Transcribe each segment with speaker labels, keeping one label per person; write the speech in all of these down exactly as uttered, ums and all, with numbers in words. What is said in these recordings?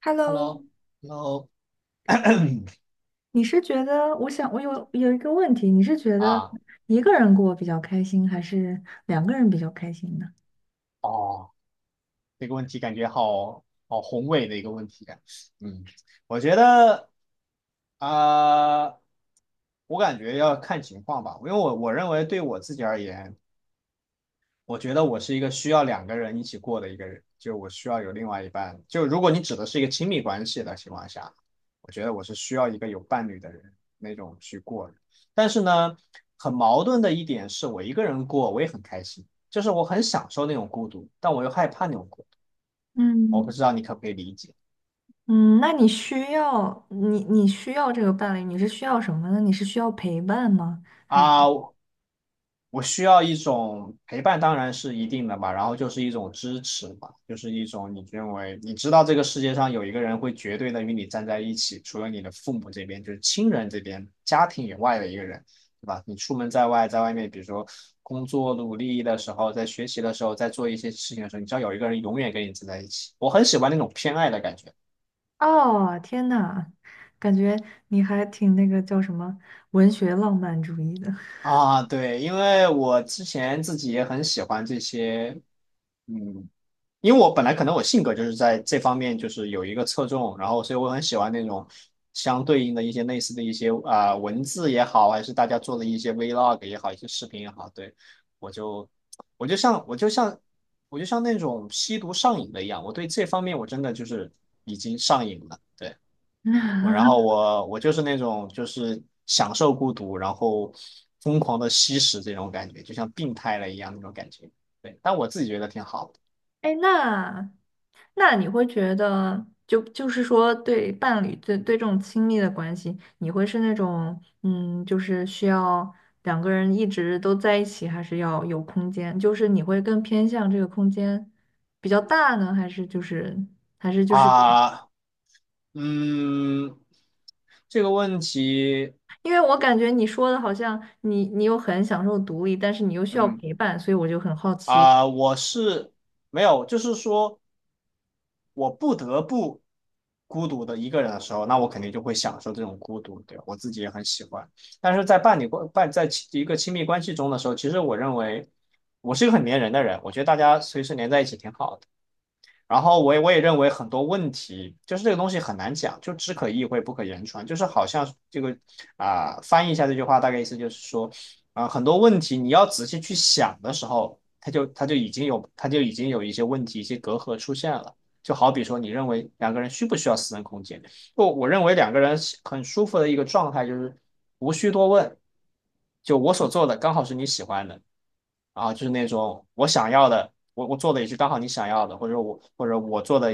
Speaker 1: Hello，
Speaker 2: Hello,Hello,
Speaker 1: 你是觉得，我想我有有一个问题，你是觉得
Speaker 2: 啊，
Speaker 1: 一个人过比较开心，还是两个人比较开心呢？
Speaker 2: 哦，这个问题感觉好好宏伟的一个问题感。嗯，我觉得啊、我感觉要看情况吧。因为我我认为对我自己而言，我觉得我是一个需要两个人一起过的一个人，就我需要有另外一半。就如果你指的是一个亲密关系的情况下，我觉得我是需要一个有伴侣的人那种去过的。但是呢，很矛盾的一点是我一个人过，我也很开心，就是我很享受那种孤独，但我又害怕那种孤独。我不
Speaker 1: 嗯
Speaker 2: 知道你可不可以理解。
Speaker 1: 嗯，那你需要你你需要这个伴侣，你是需要什么呢？你是需要陪伴吗？还是？
Speaker 2: 啊？我需要一种陪伴，当然是一定的吧，然后就是一种支持吧，就是一种你认为你知道这个世界上有一个人会绝对的与你站在一起，除了你的父母这边，就是亲人这边、家庭以外的一个人，对吧？你出门在外，在外面，比如说工作努力的时候，在学习的时候，在做一些事情的时候，你知道有一个人永远跟你站在一起，我很喜欢那种偏爱的感觉。
Speaker 1: 哦，天呐，感觉你还挺那个叫什么文学浪漫主义的。
Speaker 2: 啊，对，因为我之前自己也很喜欢这些。嗯，因为我本来可能我性格就是在这方面就是有一个侧重，然后所以我很喜欢那种相对应的一些类似的一些啊、呃文字也好，还是大家做的一些 vlog 也好，一些视频也好，对。我就我就像我就像我就像那种吸毒上瘾的一样，我对这方面我真的就是已经上瘾了，对。我然 后我我就是那种就是享受孤独，然后疯狂的吸食这种感觉，就像病态了一样那种感觉，对。但我自己觉得挺好。的。
Speaker 1: 哎，那那你会觉得，就就是说，对伴侣，对对这种亲密的关系，你会是那种，嗯，就是需要两个人一直都在一起，还是要有空间？就是你会更偏向这个空间比较大呢，还是就是还是就是，
Speaker 2: 啊，嗯，这个问题。
Speaker 1: 因为我感觉你说的好像你你又很享受独立，但是你又需要
Speaker 2: 嗯
Speaker 1: 陪伴，所以我就很好奇。
Speaker 2: 啊，我是没有，就是说我不得不孤独的一个人的时候，那我肯定就会享受这种孤独，对，我自己也很喜欢。但是在伴侣关伴在亲一个亲密关系中的时候，其实我认为我是一个很粘人的人，我觉得大家随时粘在一起挺好的。然后我也我也认为很多问题就是这个东西很难讲，就只可意会不可言传，就是好像这个啊、呃翻译一下这句话大概意思就是说，啊、呃很多问题你要仔细去想的时候，它就它就已经有它就已经有一些问题一些隔阂出现了。就好比说，你认为两个人需不需要私人空间？我我认为两个人很舒服的一个状态就是无需多问，就我所做的刚好是你喜欢的，啊，就是那种我想要的，我我做的也是刚好你想要的，或者我或者我做的，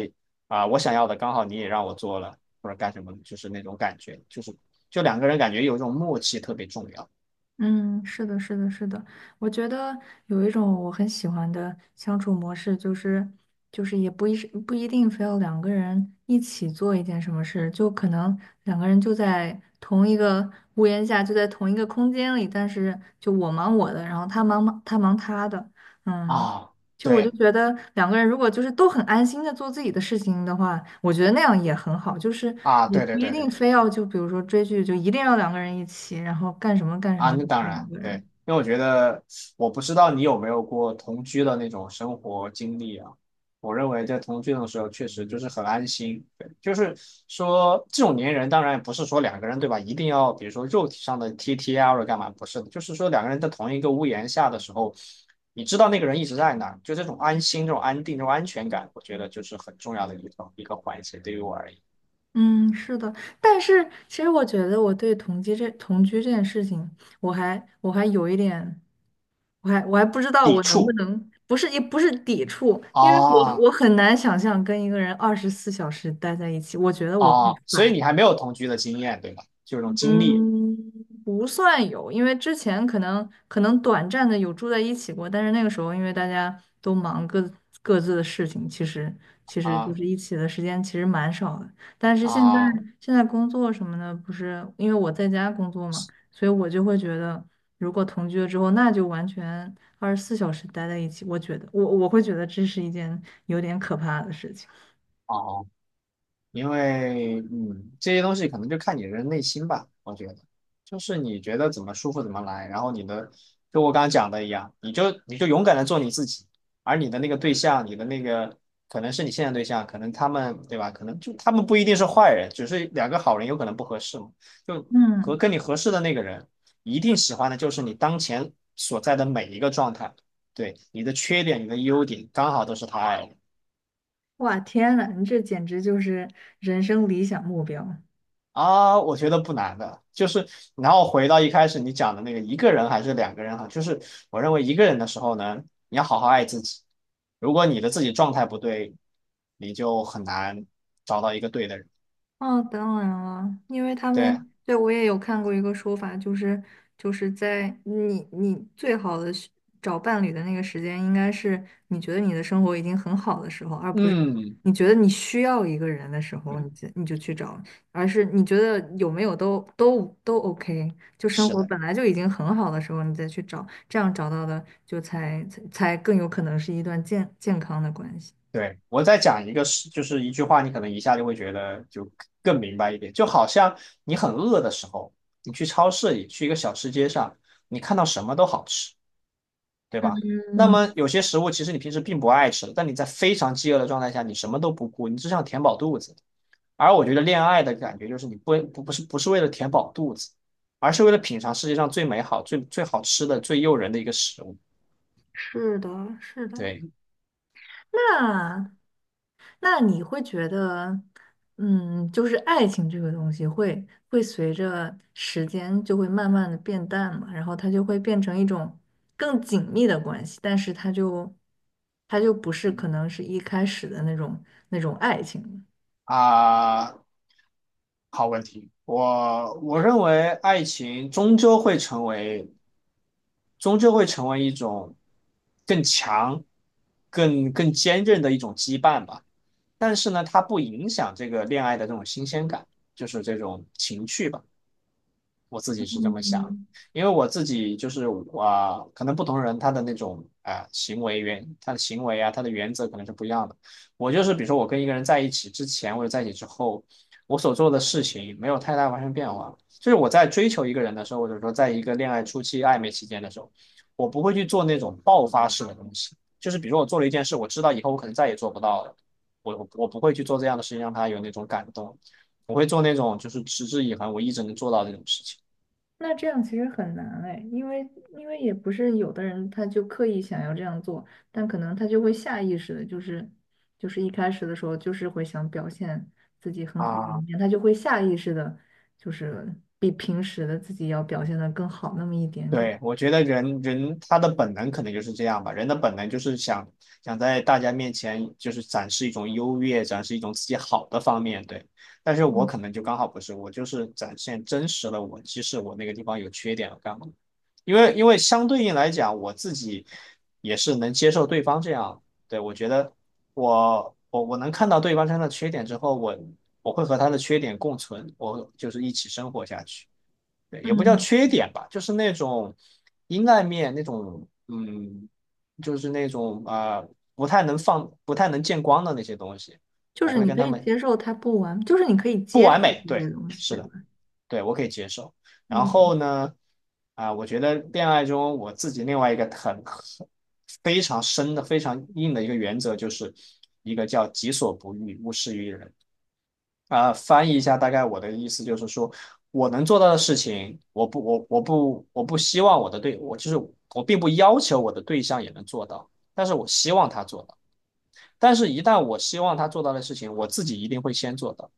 Speaker 2: 啊、我想要的刚好你也让我做了，或者干什么，就是那种感觉，就是就两个人感觉有一种默契特别重要。
Speaker 1: 嗯，是的，是的，是的。我觉得有一种我很喜欢的相处模式，就是就是也不一是不一定非要两个人一起做一件什么事，就可能两个人就在同一个屋檐下，就在同一个空间里，但是就我忙我的，然后他忙他忙他的。嗯，
Speaker 2: 啊，
Speaker 1: 就我就
Speaker 2: 对
Speaker 1: 觉得两个人如果就是都很安心的做自己的事情的话，我觉得那样也很好。就是
Speaker 2: 啊，
Speaker 1: 你
Speaker 2: 对
Speaker 1: 不
Speaker 2: 对
Speaker 1: 一
Speaker 2: 对对
Speaker 1: 定
Speaker 2: 对。
Speaker 1: 非要就比如说追剧，就一定要两个人一起，然后干什么干什
Speaker 2: 啊，
Speaker 1: 么都
Speaker 2: 那当
Speaker 1: 要两
Speaker 2: 然，
Speaker 1: 个
Speaker 2: 对。
Speaker 1: 人。
Speaker 2: 因为我觉得，我不知道你有没有过同居的那种生活经历啊。我认为在同居的时候，确实就是很安心。对，就是说这种粘人，当然也不是说两个人对吧，一定要比如说肉体上的贴贴啊或者干嘛，不是的，就是说两个人在同一个屋檐下的时候，你知道那个人一直在那儿就这种安心、这种安定、这种安全感，我觉得就是很重要的一个一个环节，对于我而言。
Speaker 1: 嗯，是的。但是其实我觉得我对同居这同居这件事情，我还我还有一点，我还我还不知道
Speaker 2: 抵
Speaker 1: 我能不
Speaker 2: 触。
Speaker 1: 能，不是也不是抵触，因为我
Speaker 2: 啊
Speaker 1: 我很难想象跟一个人二十四小时待在一起，我觉得我会
Speaker 2: 啊，所以
Speaker 1: 烦。
Speaker 2: 你还没有同居的经验，对吧？就有这种经历。
Speaker 1: 嗯，不算有，因为之前可能可能短暂的有住在一起过，但是那个时候因为大家都忙各各自的事情，其实其实就
Speaker 2: 啊
Speaker 1: 是一起的时间其实蛮少的。但是现在
Speaker 2: 啊
Speaker 1: 现在工作什么的，不是因为我在家工作嘛，所以我就会觉得，如果同居了之后，那就完全二十四小时待在一起。我觉得我我会觉得这是一件有点可怕的事情。
Speaker 2: 哦，因为，嗯，这些东西可能就看你的内心吧，我觉得。就是你觉得怎么舒服怎么来，然后你的，就我刚刚讲的一样，你就你就勇敢的做你自己。而你的那个对象，你的那个可能是你现在对象，可能他们对吧？可能就他们不一定是坏人，只是两个好人有可能不合适嘛，就和
Speaker 1: 嗯，
Speaker 2: 跟你合适的那个人，一定喜欢的就是你当前所在的每一个状态。对，你的缺点，你的优点，刚好都是他爱的。
Speaker 1: 哇，天呐，你这简直就是人生理想目标。
Speaker 2: 啊，我觉得不难的。就是然后回到一开始你讲的那个一个人还是两个人哈，就是我认为一个人的时候呢，你要好好爱自己。如果你的自己状态不对，你就很难找到一个对的人。
Speaker 1: 哦，当然了，因为他
Speaker 2: 对。
Speaker 1: 们，对，我也有看过一个说法，就是就是在你你最好的时找伴侣的那个时间，应该是你觉得你的生活已经很好的时候，而不是
Speaker 2: 嗯，
Speaker 1: 你觉得你需要一个人的时候，你
Speaker 2: 嗯，
Speaker 1: 就你就去找，而是你觉得有没有都都都 OK，就生
Speaker 2: 是
Speaker 1: 活
Speaker 2: 的，
Speaker 1: 本来就已经很好的时候，你再去找，这样找到的就才才才更有可能是一段健健康的关系。
Speaker 2: 对。我再讲一个事，就是一句话，你可能一下就会觉得就更明白一点。就好像你很饿的时候，你去超市里，去一个小吃街上，你看到什么都好吃。对吧？那
Speaker 1: 嗯，
Speaker 2: 么有些食物其实你平时并不爱吃，但你在非常饥饿的状态下，你什么都不顾，你只想填饱肚子。而我觉得恋爱的感觉就是你不不不是不是为了填饱肚子，而是为了品尝世界上最美好、最最好吃的、最诱人的一个食物。
Speaker 1: 是的，是的。
Speaker 2: 对。
Speaker 1: 那。那你会觉得，嗯，就是爱情这个东西会会随着时间就会慢慢的变淡嘛，然后它就会变成一种更紧密的关系，但是它就它就不是可能是一开始的那种那种爱情了。
Speaker 2: 啊，好问题。我我认为爱情终究会成为终究会成为一种更强、更更坚韧的一种羁绊吧。但是呢，它不影响这个恋爱的这种新鲜感，就是这种情趣吧。我自己是这么想的。
Speaker 1: 嗯，
Speaker 2: 因为我自己就是，啊、呃可能不同人他的那种，啊、呃行为原，他的行为啊，他的原则可能是不一样的。我就是比如说我跟一个人在一起之前，或者在一起之后，我所做的事情没有太大发生变化。就是我在追求一个人的时候，或者说在一个恋爱初期、暧昧期间的时候，我不会去做那种爆发式的东西。就是比如说我做了一件事，我知道以后我可能再也做不到了，我我我不会去做这样的事情，让他有那种感动。我会做那种就是持之以恒，我一直能做到这种事情。
Speaker 1: 那这样其实很难哎，因为因为也不是有的人他就刻意想要这样做，但可能他就会下意识的，就是就是一开始的时候就是会想表现自己很好的一
Speaker 2: 啊，
Speaker 1: 面，他就会下意识的，就是比平时的自己要表现的更好那么一点点。
Speaker 2: 对，我觉得人人他的本能可能就是这样吧，人的本能就是想想在大家面前就是展示一种优越，展示一种自己好的方面，对。但是我可能就刚好不是，我就是展现真实的我，即使我那个地方有缺点，我干嘛？因为因为相对应来讲，我自己也是能接受对方这样。对，我觉得，我我我能看到对方身上的缺点之后，我我会和他的缺点共存，我就是一起生活下去。对，也不叫
Speaker 1: 嗯，
Speaker 2: 缺点吧，就是那种阴暗面，那种，嗯，就是那种，啊、呃不太能放、不太能见光的那些东西，
Speaker 1: 就
Speaker 2: 我
Speaker 1: 是
Speaker 2: 会
Speaker 1: 你
Speaker 2: 跟
Speaker 1: 可
Speaker 2: 他
Speaker 1: 以
Speaker 2: 们
Speaker 1: 接受他不完，就是你可以
Speaker 2: 不
Speaker 1: 接受
Speaker 2: 完美，
Speaker 1: 一
Speaker 2: 对，
Speaker 1: 些东西，
Speaker 2: 是
Speaker 1: 对
Speaker 2: 的，
Speaker 1: 吧？
Speaker 2: 对我可以接受。然
Speaker 1: 嗯，
Speaker 2: 后呢，啊、我觉得恋爱中我自己另外一个很很非常深的、非常硬的一个原则，就是一个叫己所不欲，勿施于人。啊、翻译一下，大概我的意思就是说，我能做到的事情，我不，我我不，我不希望我的对，我就是我并不要求我的对象也能做到，但是我希望他做到。但是，一旦我希望他做到的事情，我自己一定会先做到。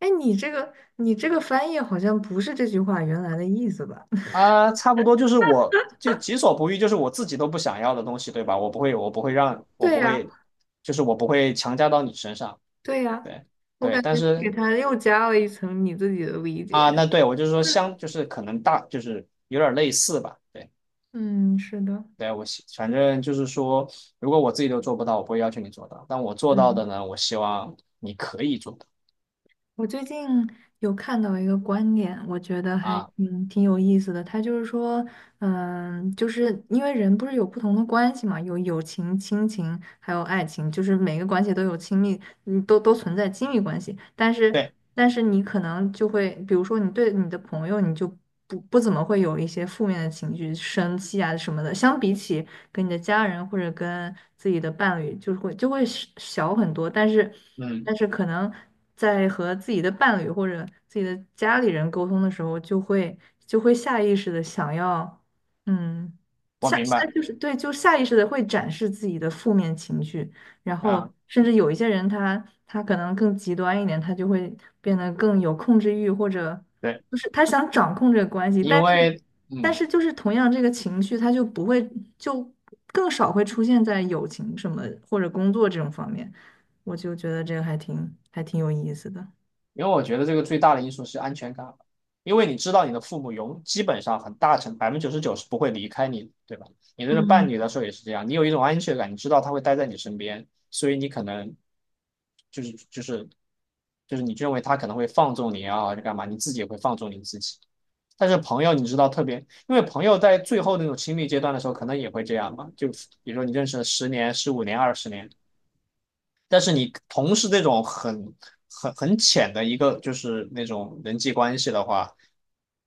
Speaker 1: 哎，你这个你这个翻译好像不是这句话原来的意思吧？
Speaker 2: 啊、差不多就是我就己所不欲，就是我自己都不想要的东西，对吧？我不会，我不会让，我
Speaker 1: 对
Speaker 2: 不
Speaker 1: 呀、
Speaker 2: 会，就是我不会强加到你身上。
Speaker 1: 对呀，
Speaker 2: 对
Speaker 1: 我
Speaker 2: 对。
Speaker 1: 感
Speaker 2: 但
Speaker 1: 觉给
Speaker 2: 是，
Speaker 1: 他又加了一层你自己的理解。
Speaker 2: 啊、那对我就是说相，就是可能大，就是有点类似吧。对。
Speaker 1: 嗯，是的，
Speaker 2: 对，我希反正就是说，如果我自己都做不到，我不会要求你做到。但我做到
Speaker 1: 嗯，
Speaker 2: 的呢，我希望你可以做到。
Speaker 1: 我最近有看到一个观点，我觉得还
Speaker 2: 啊，
Speaker 1: 挺挺有意思的。他就是说，嗯，就是因为人不是有不同的关系嘛，有友情、亲情，还有爱情，就是每个关系都有亲密，你都都存在亲密关系。但是，
Speaker 2: 对，
Speaker 1: 但是你可能就会，比如说你对你的朋友，你就不不怎么会有一些负面的情绪，生气啊什么的。相比起跟你的家人或者跟自己的伴侣，就是会就会小小很多。但是，
Speaker 2: 嗯，
Speaker 1: 但是可能在和自己的伴侣或者自己的家里人沟通的时候，就会就会下意识的想要，嗯，
Speaker 2: 我
Speaker 1: 下
Speaker 2: 明
Speaker 1: 下
Speaker 2: 白。
Speaker 1: 就是对，就下意识的会展示自己的负面情绪。然后
Speaker 2: 啊，
Speaker 1: 甚至有一些人他他可能更极端一点，他就会变得更有控制欲，或者
Speaker 2: 对，
Speaker 1: 就是他想掌控这个关系，但
Speaker 2: 因
Speaker 1: 是
Speaker 2: 为，
Speaker 1: 但
Speaker 2: 嗯，
Speaker 1: 是就是同样这个情绪，它就不会就更少会出现在友情什么或者工作这种方面，我就觉得这个还挺还挺有意思的。
Speaker 2: 因为我觉得这个最大的因素是安全感。因为你知道你的父母永基本上很大程百分之九十九是不会离开你对吧？你这个伴侣的时候也是这样，你有一种安全感，你知道他会待在你身边，所以你可能，就是就是就是你认为他可能会放纵你啊，就干嘛？你自己也会放纵你自己。但是朋友，你知道特别，因为朋友在最后那种亲密阶段的时候，可能也会这样嘛。就比如说你认识了十年、十五年、二十年，但是你同时这种很很很浅的一个就是那种人际关系的话，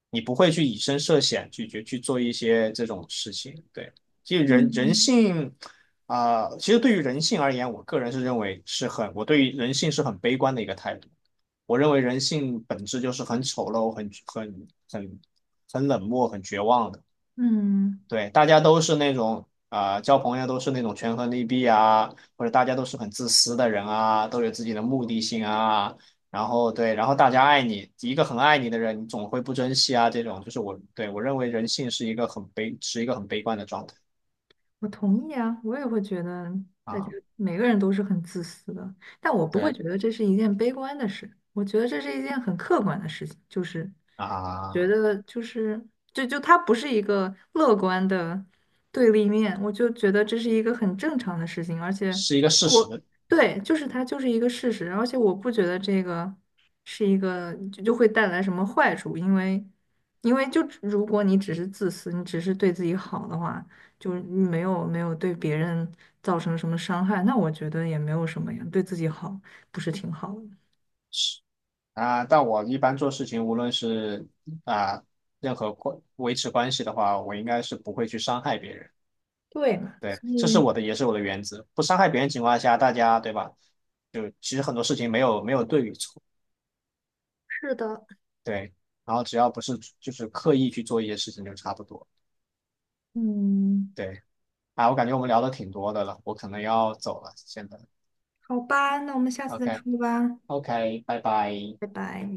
Speaker 2: 你不会去以身涉险去去去做一些这种事情。对，其实人人
Speaker 1: 嗯，
Speaker 2: 性，啊、呃其实对于人性而言，我个人是认为是很，我对于人性是很悲观的一个态度。我认为人性本质就是很丑陋、很很很很冷漠、很绝望的。
Speaker 1: 嗯，
Speaker 2: 对，大家都是那种，啊、呃交朋友都是那种权衡利弊啊，或者大家都是很自私的人啊，都有自己的目的性啊。然后对，然后大家爱你，一个很爱你的人，你总会不珍惜啊。这种就是我对我认为人性是一个很悲，是一个很悲观的状态。
Speaker 1: 我同意啊，我也会觉得大家
Speaker 2: 啊，
Speaker 1: 每个人都是很自私的，但我不会
Speaker 2: 对
Speaker 1: 觉得这是一件悲观的事，我觉得这是一件很客观的事情，就是觉
Speaker 2: 啊，
Speaker 1: 得就是，就就它不是一个乐观的对立面，我就觉得这是一个很正常的事情，而且
Speaker 2: 是一个事实。
Speaker 1: 我对，就是它就是一个事实，而且我不觉得这个是一个就就会带来什么坏处，因为因为就只如果你只是自私，你只是对自己好的话，就是你没有没有对别人造成什么伤害，那我觉得也没有什么呀，对自己好不是挺好的？
Speaker 2: 啊，但我一般做事情，无论是，啊任何关维持关系的话，我应该是不会去伤害别人。
Speaker 1: 对嘛，
Speaker 2: 对，
Speaker 1: 所
Speaker 2: 这是
Speaker 1: 以
Speaker 2: 我的，也是我的原则。不伤害别人情况下，大家对吧？就其实很多事情没有没有对与错，
Speaker 1: 是的，
Speaker 2: 对。然后只要不是就是刻意去做一些事情，就差不多。
Speaker 1: 嗯。
Speaker 2: 对，啊，我感觉我们聊的挺多的了，我可能要走了，现在。
Speaker 1: 好吧，那我们下次再
Speaker 2: OK。
Speaker 1: 说吧，
Speaker 2: OK,拜拜。
Speaker 1: 拜拜。